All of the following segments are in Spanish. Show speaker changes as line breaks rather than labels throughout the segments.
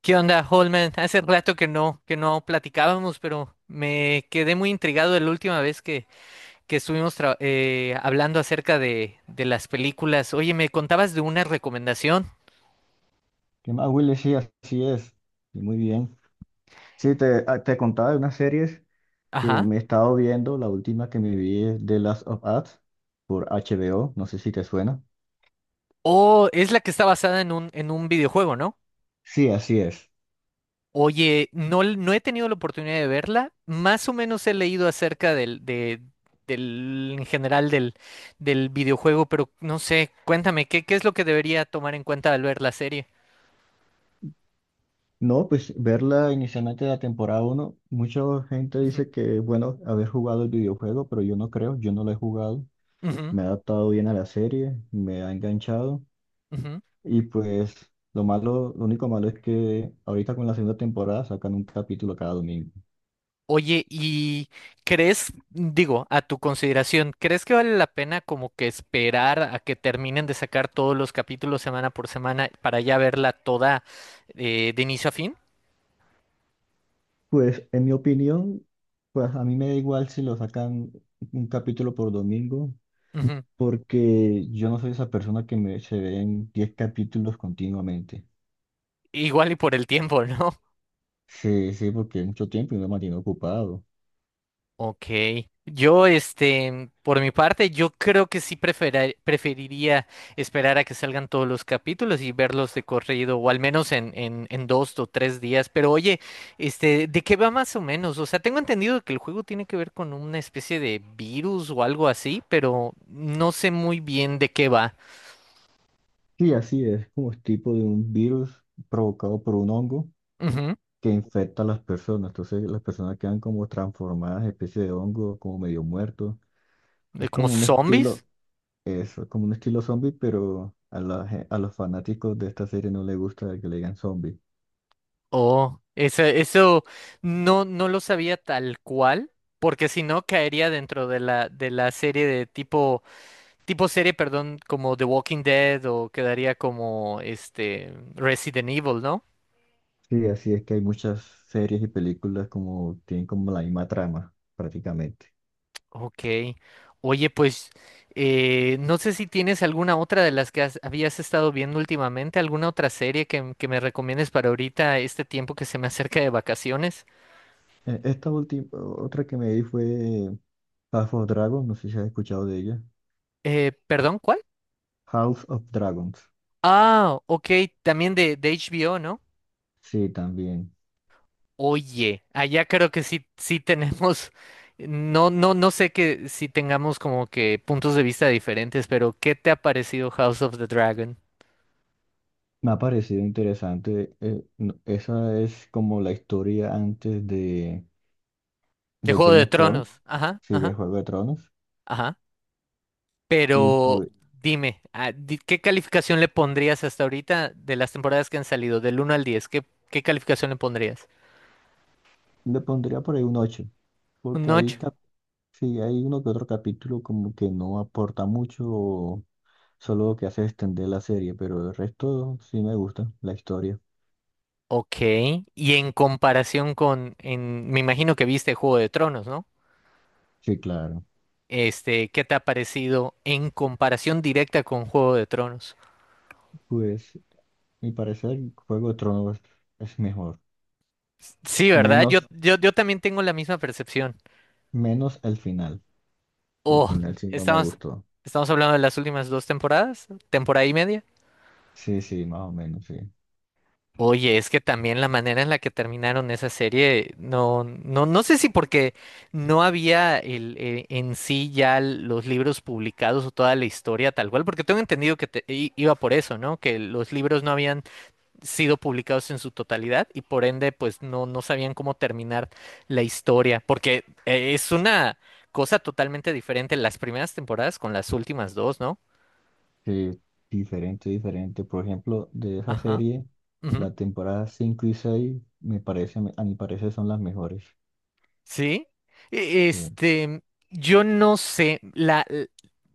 ¿Qué onda, Holman? Hace rato que no platicábamos, pero me quedé muy intrigado de la última vez que estuvimos hablando acerca de las películas. Oye, me contabas de una recomendación.
¿Qué más, Willy? Sí, así es. Y muy bien. Sí, te contaba de unas series que
Ajá.
me he estado viendo. La última que me vi es The Last of Us por HBO. No sé si te suena.
O es la que está basada en un videojuego, ¿no?
Sí, así es.
Oye, no, no he tenido la oportunidad de verla. Más o menos he leído acerca en general del videojuego, pero no sé, cuéntame, ¿ qué es lo que debería tomar en cuenta al ver la serie?
No, pues verla inicialmente la temporada uno, mucha gente
Ujú,
dice que es bueno haber jugado el videojuego, pero yo no creo, yo no lo he jugado.
ujú,
Me he adaptado bien a la serie, me ha enganchado,
ujú.
y pues lo malo, lo único malo es que ahorita con la segunda temporada sacan un capítulo cada domingo.
Oye, ¿y crees, digo, a tu consideración, crees que vale la pena como que esperar a que terminen de sacar todos los capítulos semana por semana para ya verla toda de inicio a fin?
Pues en mi opinión, pues a mí me da igual si lo sacan un capítulo por domingo,
Ujú.
porque yo no soy esa persona que se ve en 10 capítulos continuamente.
Igual y por el tiempo, ¿no?
Sí, sí, porque es mucho tiempo y me mantiene ocupado.
Ok. Yo, este, por mi parte, yo creo que sí preferiría esperar a que salgan todos los capítulos y verlos de corrido, o al menos en dos o tres días. Pero oye, este, ¿de qué va más o menos? O sea, tengo entendido que el juego tiene que ver con una especie de virus o algo así, pero no sé muy bien de qué va.
Sí, así es, como es tipo de un virus provocado por un hongo
Ujú.
que infecta a las personas. Entonces las personas quedan como transformadas en especie de hongo, como medio muertos.
¿De
Es
como
como un estilo,
zombies?
eso, como un estilo zombie, pero a los fanáticos de esta serie no les gusta que le digan zombie.
Oh, eso no, no lo sabía tal cual, porque si no caería dentro de la serie de tipo serie, perdón, como The Walking Dead o quedaría como este Resident Evil, ¿no?
Sí, así es, que hay muchas series y películas como tienen como la misma trama, prácticamente.
Ok. Oye, pues no sé si tienes alguna otra de las que habías estado viendo últimamente, alguna otra serie que me recomiendes para ahorita, este tiempo que se me acerca de vacaciones.
Esta última, otra que me vi fue House of Dragons, no sé si has escuchado de ella.
Perdón, ¿cuál?
House of Dragons.
Ah, ok, también de HBO, ¿no?
Sí, también.
Oye, allá creo que sí tenemos, no, no, no sé que si tengamos como que puntos de vista diferentes, pero ¿qué te ha parecido House of the Dragon?
Me ha parecido interesante. Esa es como la historia antes
De
de
Juego
Game
de
of Thrones,
Tronos, ajá,
sí, de
ajá,
Juego de Tronos.
ajá.
Y
Pero
pues
dime, ¿qué calificación le pondrías hasta ahorita de las temporadas que han salido, del uno al 10? ¿ qué calificación le pondrías?
le pondría por ahí un ocho,
¿Un
porque
ocho?
sí hay uno que otro capítulo como que no aporta mucho. Solo lo que hace es extender la serie, pero el resto sí me gusta, la historia.
Ok, y en comparación con, me imagino que viste Juego de Tronos, ¿no?
Sí, claro.
Este, ¿qué te ha parecido en comparación directa con Juego de Tronos?
Pues, mi parecer, Juego de Tronos es mejor.
Sí, ¿verdad? Yo,
Menos,
yo, yo también tengo la misma percepción.
menos el final, que el
Oh,
final sí no me
estamos,
gustó.
estamos hablando de las últimas dos temporadas, temporada y media.
Sí, sí, más o menos, sí.
Oye, es que también la manera en la que terminaron esa serie, no, no, no sé si porque no había en sí ya los libros publicados o toda la historia tal cual, porque tengo entendido que iba por eso, ¿no? Que los libros no habían sido publicados en su totalidad y por ende pues no, no sabían cómo terminar la historia, porque es una cosa totalmente diferente las primeras temporadas con las últimas dos, ¿no?
Sí, diferente, diferente. Por ejemplo, de esa
Ajá,
serie,
ujú,
la temporada 5 y 6 me parece, a mi parecer, son las mejores.
sí.
Sí.
Este, yo no sé, la, l-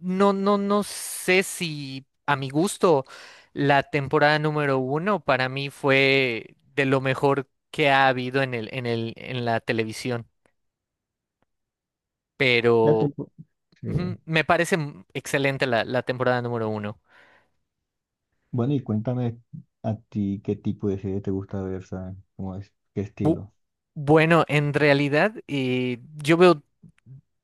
no, no, no sé si a mi gusto la temporada número uno para mí fue de lo mejor que ha habido en la televisión.
La
Pero
tempo- sí.
ujú, me parece excelente la temporada número uno.
Bueno, y cuéntame, a ti ¿qué tipo de serie te gusta ver? ¿Sabes? ¿Cómo es? ¿Qué
Bu-
estilo?
bueno, en realidad yo veo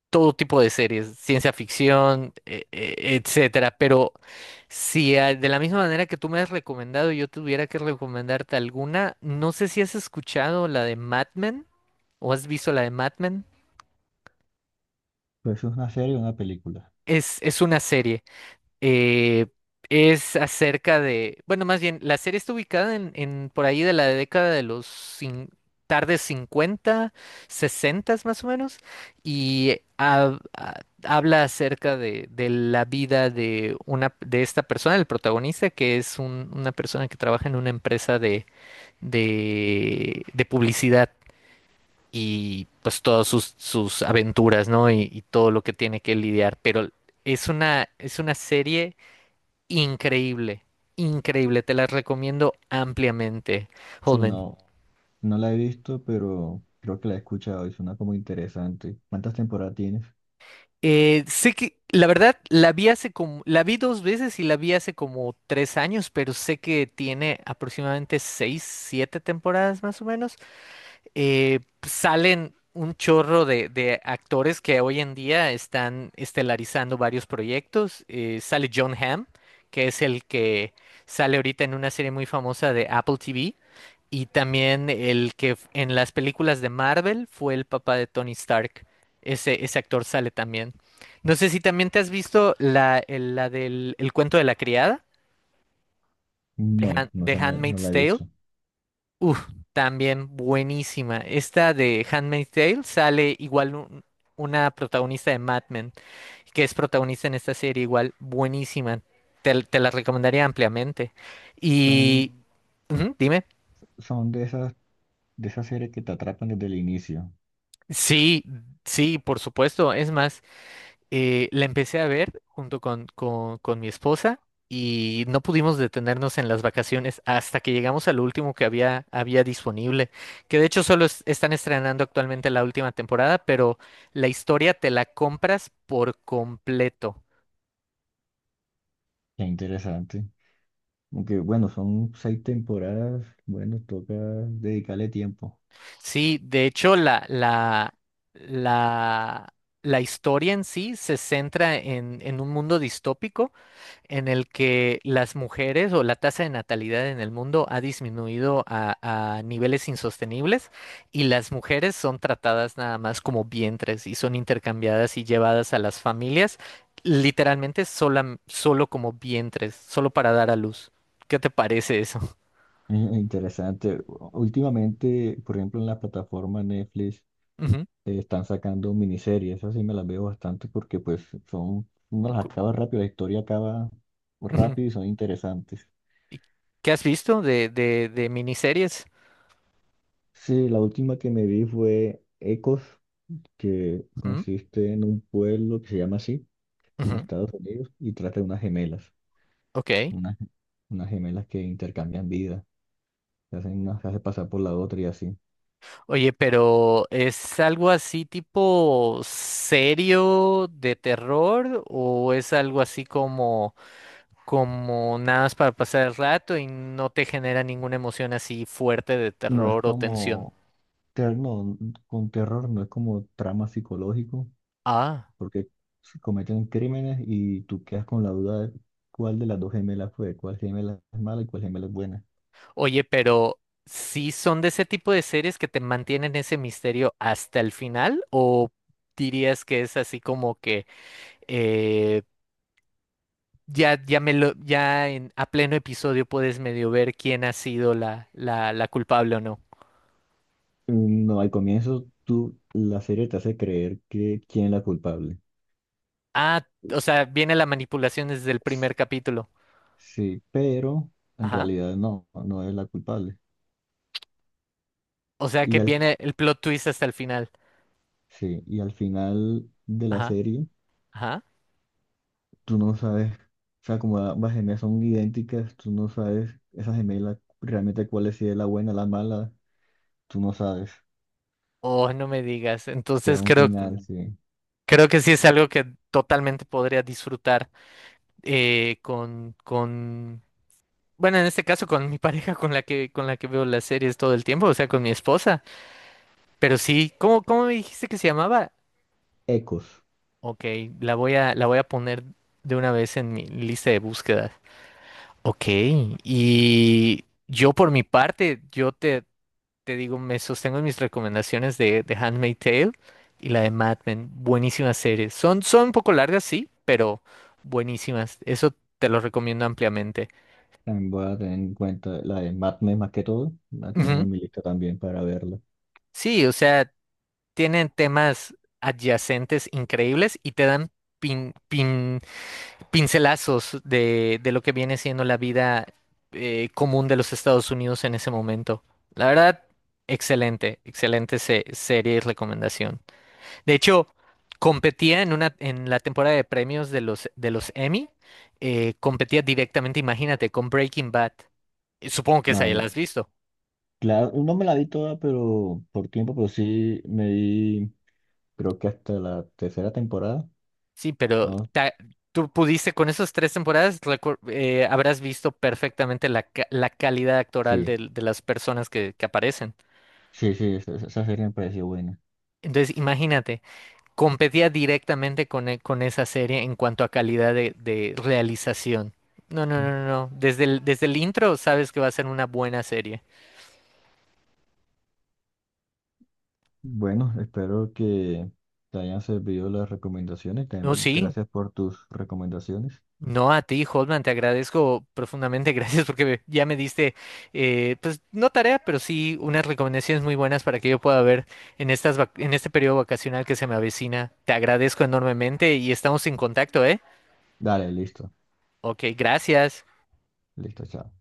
todo tipo de series, ciencia ficción, etcétera, pero si de la misma manera que tú me has recomendado, yo tuviera que recomendarte alguna, no sé si has escuchado la de Mad Men o has visto la de Mad Men.
Pues ¿es una serie o una película?
Es una serie. Eh, es acerca de, bueno, más bien, la serie está ubicada en por ahí de la década de los tardes 50, 60 más o menos, y habla acerca de la vida de una de esta persona, el protagonista, que es una persona que trabaja en una empresa de publicidad. Y pues todas sus, sus aventuras, ¿no? Y todo lo que tiene que lidiar. Pero es una serie increíble, increíble, te las recomiendo ampliamente,
Sí,
Holman.
no, no la he visto, pero creo que la he escuchado y suena como interesante. ¿Cuántas temporadas tienes?
Sé que la verdad la vi hace como, la vi dos veces y la vi hace como tres años, pero sé que tiene aproximadamente seis, siete temporadas más o menos. Eh, salen un chorro de actores que hoy en día están estelarizando varios proyectos. Sale John Hamm, que es el que sale ahorita en una serie muy famosa de Apple TV. Y también el que en las películas de Marvel fue el papá de Tony Stark. Ese actor sale también. No sé si también te has visto la, el- la del el cuento de la criada, de
No, no, o
De
sea, no, no
Handmaid's
la he
Tale.
visto.
Uf, también buenísima. Esta de Handmaid's Tale sale igual una protagonista de Mad Men, que es protagonista en esta serie, igual buenísima. Te la recomendaría ampliamente.
Son,
Y... ujú, dime.
son de esas series que te atrapan desde el inicio.
Sí, sí, por supuesto. Es más, la empecé a ver junto con mi esposa y no pudimos detenernos en las vacaciones hasta que llegamos al último que había disponible, que de hecho solo están estrenando actualmente la última temporada, pero la historia te la compras por completo.
Qué interesante. Aunque bueno, son seis temporadas. Bueno, toca dedicarle tiempo.
Sí, de hecho, la, la historia en sí se centra en un mundo distópico en el que las mujeres o la tasa de natalidad en el mundo ha disminuido a niveles insostenibles y las mujeres son tratadas nada más como vientres y son intercambiadas y llevadas a las familias literalmente solo como vientres, solo para dar a luz. ¿Qué te parece eso?
Interesante. Últimamente, por ejemplo, en la plataforma Netflix,
Ujú,
están sacando miniseries. Esas sí me las veo bastante, porque pues son, uno las
cu-
acaba rápido, la historia acaba
ujú.
rápido y son interesantes.
¿Y ¿Qué has visto de miniseries?
Sí, la última que me vi fue Ecos, que
Ujú,
consiste en un pueblo que se llama así, en
ujú,
Estados Unidos, y trata de unas gemelas,
ok.
unas, unas gemelas que intercambian vida, se hacen una, se hace pasar por la otra y así.
Oye, pero ¿es algo así tipo serio de terror o es algo así como como nada más para pasar el rato y no te genera ninguna emoción así fuerte de
No es
terror o tensión?
como, no, con terror, no, es como trama psicológico,
Ah,
porque si cometen crímenes y tú quedas con la duda de cuál de las dos gemelas fue, cuál gemela es mala y cuál gemela es buena.
oye, pero ¿sí son de ese tipo de series que te mantienen ese misterio hasta el final o dirías que es así como que eh, ya en, a pleno episodio puedes medio ver quién ha sido la culpable o no.
No, al comienzo tú, la serie te hace creer que quién es la culpable.
Ah, o sea, viene la manipulación desde el primer capítulo.
Sí, pero en
Ajá.
realidad no, no es la culpable.
O sea
Y
que
al,
viene el plot twist hasta el final.
sí, y al final de la
Ajá,
serie,
ajá.
tú no sabes, o sea, como ambas gemelas son idénticas, tú no sabes esa gemela realmente cuál es, si es la buena, la mala, tú no sabes.
Oh, no me digas.
Queda
Entonces
un
creo,
final,
mm,
sí.
creo que sí es algo que totalmente podría disfrutar eh, con, con, bueno, en este caso con mi pareja con la que veo las series todo el tiempo, o sea, con mi esposa. Pero sí, ¿cómo, cómo me dijiste que se llamaba?
Ecos.
Ok, la voy a poner de una vez en mi lista de búsqueda. Ok, y yo por mi parte, te digo, me sostengo en mis recomendaciones de Handmaid's Tale y la de Mad Men. Buenísimas series. Son, son un poco largas, sí, pero buenísimas. Eso te lo recomiendo ampliamente.
También voy a tener en cuenta la de Mad Men, más que todo. La tener
Ujú.
en mi lista también para verla.
Sí, o sea, tienen temas adyacentes increíbles y te dan pin, pincelazos de lo que viene siendo la vida común de los Estados Unidos en ese momento. La verdad, excelente, excelente serie y recomendación. De hecho, competía en la temporada de premios de de los Emmy, competía directamente, imagínate, con Breaking Bad. Supongo que esa ya
Nada
la
más.
has visto.
Claro, no me la vi toda, pero por tiempo, pero sí me vi, creo que hasta la tercera temporada.
Sí, pero
¿No?
tú pudiste, con esas tres temporadas, habrás visto perfectamente la calidad actoral
Sí,
de las personas que aparecen.
sí, sí, esa serie me pareció buena.
Entonces, imagínate, competía directamente con esa serie en cuanto a calidad de realización. No, no, no, no, no. Desde desde el intro sabes que va a ser una buena serie.
Bueno, espero que te hayan servido las recomendaciones.
No,
También
sí.
gracias por tus recomendaciones.
No, a ti, Holman, te agradezco profundamente, gracias porque ya me diste, pues no tarea, pero sí unas recomendaciones muy buenas para que yo pueda ver en estas en este periodo vacacional que se me avecina. Te agradezco enormemente y estamos en contacto, ¿eh?
Dale, listo,
Ok, gracias.
listo, chao.